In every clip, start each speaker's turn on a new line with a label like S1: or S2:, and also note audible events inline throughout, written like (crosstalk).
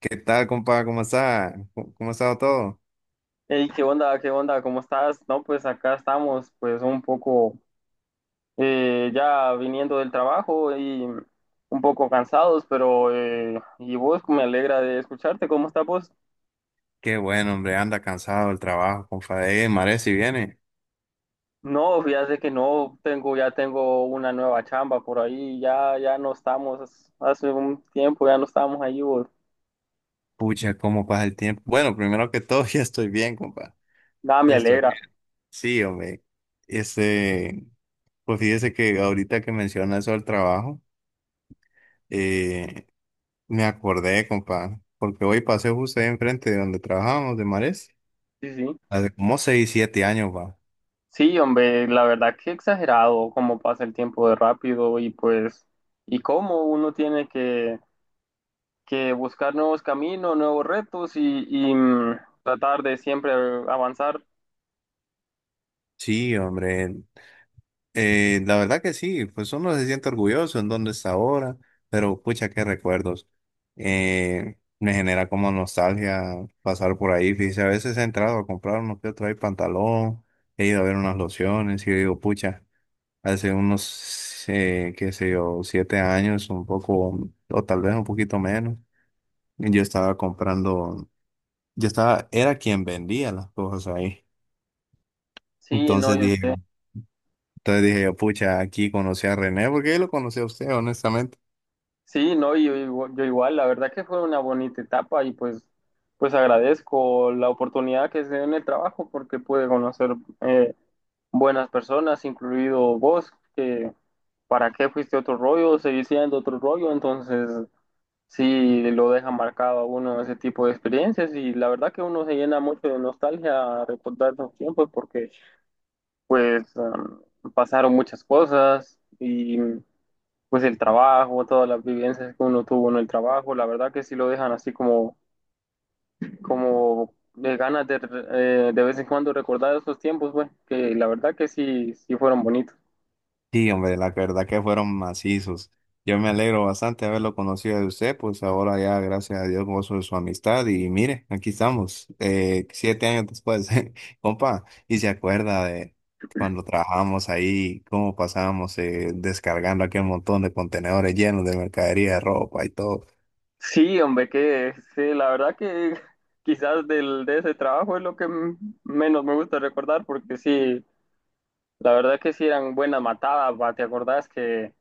S1: ¿Qué tal, compa? ¿Cómo está? ¿Cómo ha estado todo?
S2: Hey, ¿qué onda? ¿Qué onda? ¿Cómo estás? No, pues acá estamos, pues un poco ya viniendo del trabajo y un poco cansados, pero y vos me alegra de escucharte. ¿Cómo estás vos?
S1: Qué bueno, hombre, anda cansado del trabajo, compadre. Mare, si viene.
S2: No, fíjate que no tengo, ya tengo una nueva chamba por ahí, ya, ya no estamos, hace un tiempo ya no estamos ahí, vos.
S1: Pucha, cómo pasa el tiempo. Bueno, primero que todo, (laughs) ya estoy bien, compa.
S2: Nada, me
S1: Ya estoy bien.
S2: alegra.
S1: Sí, hombre. Este, pues fíjese que ahorita que menciona eso del trabajo, eh, me acordé, compa, porque hoy pasé justo ahí enfrente de donde trabajábamos, de Mares,
S2: Sí, sí.
S1: hace como 6, 7 años, va.
S2: Sí, hombre, la verdad que exagerado cómo pasa el tiempo de rápido y pues, y cómo uno tiene que buscar nuevos caminos, nuevos retos y, tratar de siempre avanzar.
S1: Sí, hombre. La verdad que sí, pues uno se siente orgulloso en dónde está ahora, pero pucha, qué recuerdos. Me genera como nostalgia pasar por ahí. Fíjese, a veces he entrado a comprar uno que otro ahí pantalón, he ido a ver unas lociones y digo, pucha, hace unos, qué sé yo, 7 años, un poco, o tal vez un poquito menos, yo estaba comprando, yo estaba, era quien vendía las cosas ahí.
S2: Sí, no,
S1: Entonces
S2: yo
S1: dije,
S2: sé.
S1: Entonces dije yo, pucha, aquí conocí a René, porque yo lo conocí a usted, honestamente.
S2: Sí, no, yo igual. La verdad que fue una bonita etapa y pues, pues agradezco la oportunidad que se dio en el trabajo porque pude conocer eh, buenas personas, incluido vos, que para qué fuiste otro rollo, seguí siendo otro rollo, entonces sí lo deja marcado a uno ese tipo de experiencias y la verdad que uno se llena mucho de nostalgia a recordar esos tiempos porque pues pasaron muchas cosas y pues el trabajo, todas las vivencias que uno tuvo en el trabajo, la verdad que sí lo dejan así como de ganas de vez en cuando recordar esos tiempos, güey, que la verdad que sí, sí fueron bonitos.
S1: Sí, hombre, la verdad que fueron macizos. Yo me alegro bastante de haberlo conocido de usted, pues ahora ya, gracias a Dios, gozo de su amistad. Y mire, aquí estamos, 7 años después, (laughs) compa, y se acuerda de cuando trabajamos ahí, cómo pasábamos descargando aquel montón de contenedores llenos de mercadería, de ropa y todo.
S2: Sí, hombre, que sí, la verdad que (laughs) quizás de ese trabajo es lo que menos me gusta recordar porque sí. La verdad que sí eran buenas matadas, va. ¿Te acordás que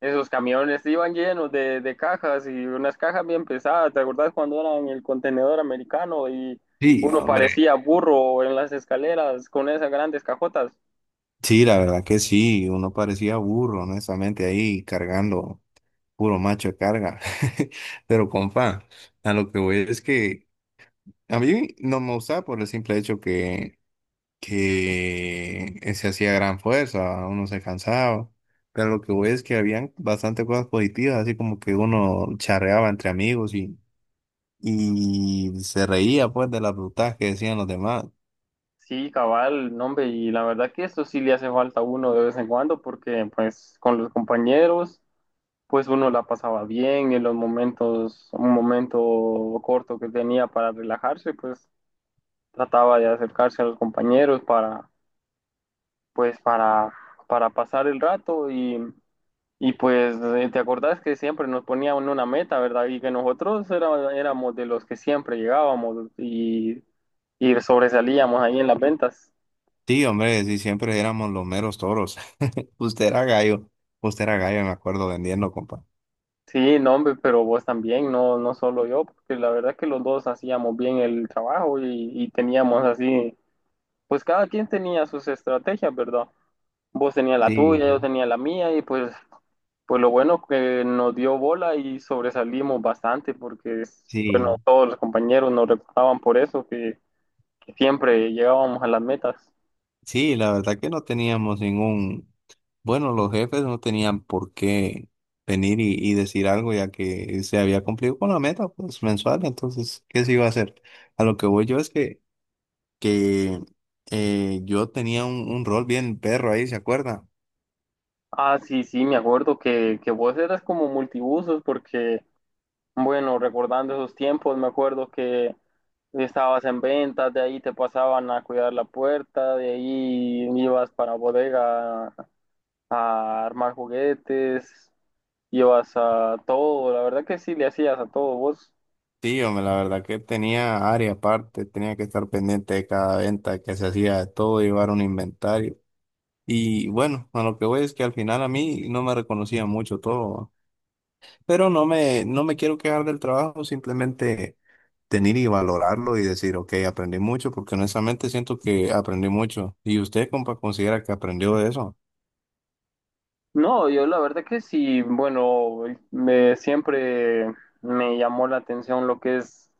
S2: esos camiones iban llenos de cajas y unas cajas bien pesadas? ¿Te acordás cuando eran el contenedor americano y
S1: Sí,
S2: uno
S1: hombre.
S2: parecía burro en las escaleras con esas grandes cajotas?
S1: Sí, la verdad que sí, uno parecía burro, honestamente, ahí cargando, puro macho de carga. (laughs) Pero compa, a lo que voy es que a mí no me gustaba por el simple hecho que se hacía gran fuerza, uno se cansaba. Pero lo que voy es que habían bastante cosas positivas, así como que uno charreaba entre amigos y se reía pues de las brutas que decían los demás.
S2: Sí, cabal, no, hombre, y la verdad que esto sí le hace falta a uno de vez en cuando porque pues con los compañeros pues uno la pasaba bien en los momentos, un momento corto que tenía para relajarse, pues trataba de acercarse a los compañeros para pues para pasar el rato y pues te acordás que siempre nos ponían una meta, ¿verdad? Y que nosotros éramos de los que siempre llegábamos y sobresalíamos ahí en las ventas.
S1: Sí, hombre, sí, siempre éramos los meros toros. (laughs) Usted era gallo, Usted era gallo, me acuerdo vendiendo, compa.
S2: Sí, no, hombre, pero vos también, no, no solo yo, porque la verdad es que los dos hacíamos bien el trabajo y teníamos así, pues cada quien tenía sus estrategias, ¿verdad? Vos tenías la
S1: Sí,
S2: tuya, yo tenía la mía y pues lo bueno que nos dio bola y sobresalimos bastante porque, bueno,
S1: sí.
S2: todos los compañeros nos recordaban por eso, que siempre llegábamos a las metas.
S1: Sí, la verdad que no teníamos ningún, bueno, los jefes no tenían por qué venir y decir algo ya que se había cumplido con la meta pues mensual, entonces, ¿qué se iba a hacer? A lo que voy yo es que yo tenía un rol bien perro ahí, ¿se acuerda?
S2: Ah, sí, sí, me acuerdo que vos eras como multibusos porque, bueno, recordando esos tiempos, me acuerdo que estabas en ventas, de ahí te pasaban a cuidar la puerta, de ahí ibas para bodega a armar juguetes, ibas a todo, la verdad que sí le hacías a todo vos.
S1: Sí, hombre, la verdad que tenía área aparte, tenía que estar pendiente de cada venta que se hacía, de todo, llevar un inventario. Y bueno, a lo que voy es que al final a mí no me reconocía mucho todo, pero no me, no me quiero quejar del trabajo, simplemente tener y valorarlo y decir, ok, aprendí mucho, porque honestamente siento que aprendí mucho. ¿Y usted, compa, considera que aprendió de eso?
S2: No, yo la verdad que sí, bueno, me siempre me llamó la atención lo que es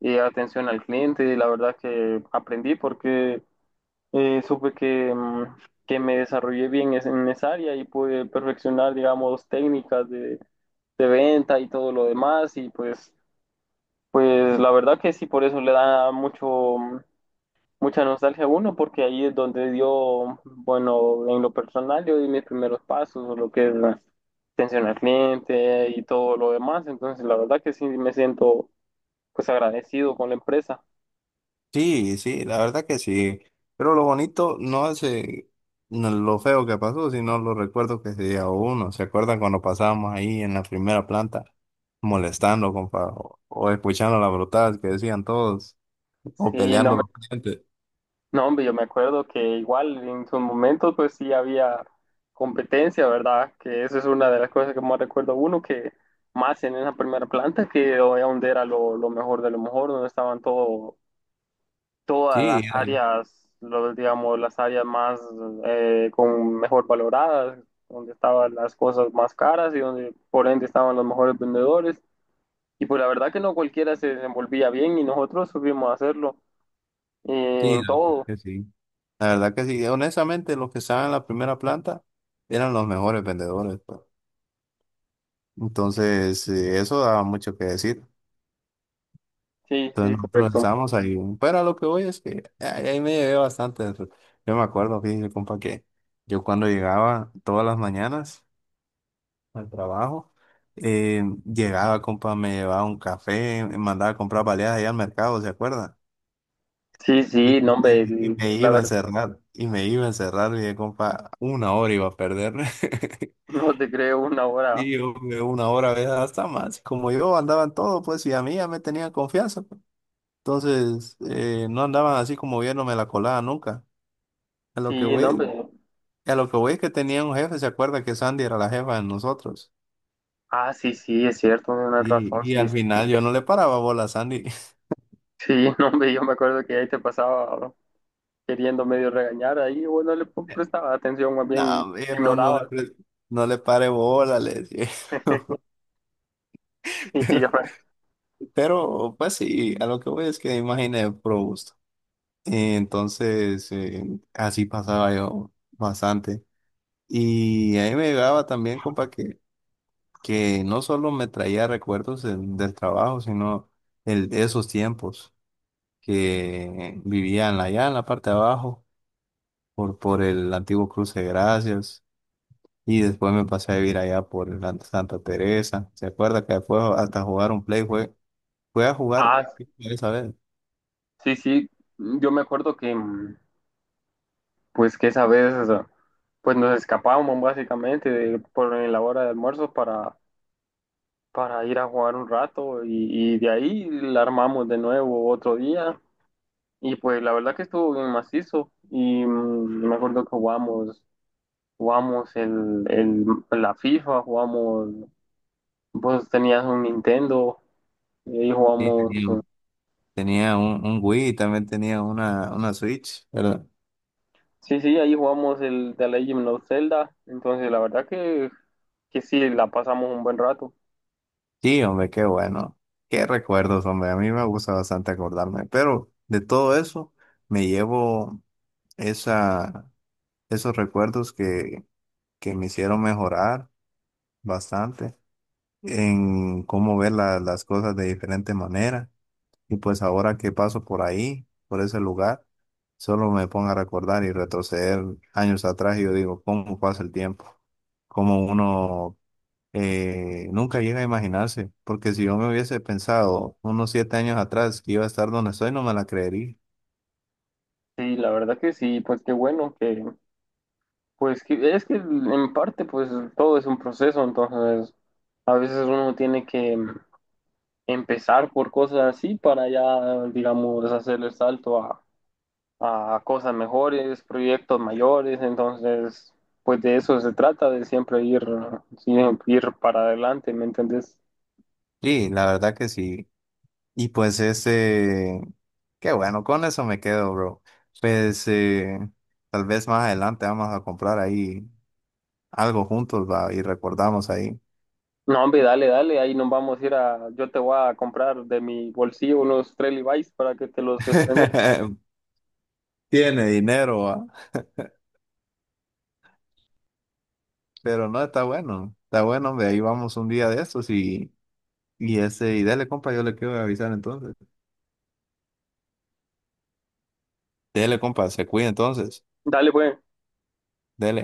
S2: atención al cliente y la verdad que aprendí porque supe que me desarrollé bien en esa área y pude perfeccionar, digamos, técnicas de venta y todo lo demás y pues la verdad que sí, por eso le da mucha nostalgia uno porque ahí es donde dio, bueno, en lo personal yo di mis primeros pasos, lo que es la atención al cliente y todo lo demás. Entonces, la verdad que sí me siento pues agradecido con la empresa.
S1: Sí, sí, la verdad que sí. Pero lo bonito no es no lo feo que pasó, sino los recuerdos que se lleva uno. ¿Se acuerdan cuando pasábamos ahí en la primera planta molestando, compa, o escuchando las brotadas que decían todos, o
S2: Sí, no, ujú.
S1: peleando los
S2: Hombre,
S1: clientes?
S2: no, hombre, yo me acuerdo que igual en su momento pues sí había competencia, ¿verdad? Que eso es una de las cosas que más recuerdo uno, que más en esa primera planta, que era donde era lo mejor de lo mejor, donde estaban todos todas
S1: Sí,
S2: las
S1: era-
S2: áreas, digamos, las áreas más con mejor valoradas, donde estaban las cosas más caras y donde por ende estaban los mejores vendedores. Y pues la verdad que no cualquiera se desenvolvía bien y nosotros supimos hacerlo
S1: sí,
S2: en
S1: la verdad
S2: todo.
S1: que sí. La verdad que sí, honestamente los que estaban en la primera planta eran los mejores vendedores, pues. Entonces, eso daba mucho que decir.
S2: Sí, sí,
S1: Entonces nosotros
S2: correcto.
S1: estábamos ahí. Pero a lo que voy es que ahí me llevé bastante. Yo me acuerdo, fíjese, compa, que yo cuando llegaba todas las mañanas al trabajo, llegaba, compa, me llevaba un café, me mandaba a comprar baleadas allá al mercado, ¿se acuerda?
S2: Sí,
S1: Y,
S2: sí, no, hombre,
S1: y me
S2: la
S1: iba a
S2: verdad,
S1: encerrar, y dije, compa, una hora iba a perder. (laughs)
S2: (laughs) no te creo una hora.
S1: Y yo que una hora, ¿verdad? Hasta más. Como yo andaba en todo, pues, y a mí ya me tenían confianza, pues. Entonces, no andaban así como viéndome la colada nunca. A lo que
S2: Sí, no,
S1: voy,
S2: hombre.
S1: a lo que voy es que tenía un jefe, ¿se acuerda que Sandy era la jefa de nosotros?
S2: Ah, sí, sí, es cierto, tienes razón,
S1: Y y
S2: sí.
S1: al final yo no le paraba bola a Sandy. (laughs)
S2: Sí, (laughs) no, hombre, yo me acuerdo que ahí te pasaba queriendo medio regañar ahí, bueno, le prestaba atención, más
S1: No,
S2: bien
S1: hombre, no,
S2: ignoraba.
S1: no le pare bola, le decía.
S2: (laughs)
S1: (laughs)
S2: Sí,
S1: Pero, pero, pues sí, a lo que voy es que imaginé pro gusto. Y entonces, así pasaba yo bastante. Y ahí me llegaba también, compa, que no solo me traía recuerdos del trabajo, sino el, esos tiempos que vivían allá en la parte de abajo, por el antiguo Cruce de Gracias, y después me pasé a vivir allá por la Santa Teresa. ¿Se acuerda que después hasta jugar un play fue a jugar
S2: Ah,
S1: esa vez?
S2: sí, sí, yo me acuerdo que, pues, que esa vez, o sea, pues, nos escapábamos básicamente por en la hora de almuerzo para, ir a jugar un rato y de ahí la armamos de nuevo otro día y, pues, la verdad que estuvo bien macizo y me acuerdo que jugamos la FIFA, jugamos, vos tenías un Nintendo. Y ahí
S1: Sí,
S2: jugamos,
S1: tenía un Wii, también tenía una Switch, ¿verdad?
S2: sí, sí, ahí jugamos el The Legend of Zelda. Entonces, la verdad que sí, la pasamos un buen rato.
S1: Sí, hombre, qué bueno. Qué recuerdos, hombre. A mí me gusta bastante acordarme. Pero de todo eso me llevo esa, esos recuerdos que me hicieron mejorar bastante en cómo ver las cosas de diferente manera. Y pues ahora que paso por ahí, por ese lugar, solo me pongo a recordar y retroceder años atrás y yo digo, ¿cómo pasa el tiempo? Cómo uno nunca llega a imaginarse, porque si yo me hubiese pensado unos 7 años atrás que iba a estar donde estoy, no me la creería.
S2: Sí, la verdad que sí, pues qué bueno que, pues que, es que en parte, pues todo es un proceso, entonces a veces uno tiene que empezar por cosas así para ya, digamos, hacer el salto a, cosas mejores, proyectos mayores, entonces, pues de eso se trata, de siempre ir para adelante, ¿me entendés?
S1: Sí, la verdad que sí. Y pues ese, qué bueno, con eso me quedo, bro. Pues tal vez más adelante vamos a comprar ahí algo juntos, va, y recordamos ahí.
S2: No, hombre, dale, dale, ahí nos vamos a ir yo te voy a comprar de mi bolsillo unos tres Levi's para que te los estrenes.
S1: (laughs) Tiene dinero, va. Pero no, está bueno, hombre, ahí vamos un día de estos y ese, y dale, compa, yo le quiero avisar entonces. Dele, compa, se cuida entonces.
S2: Dale, pues.
S1: Dele.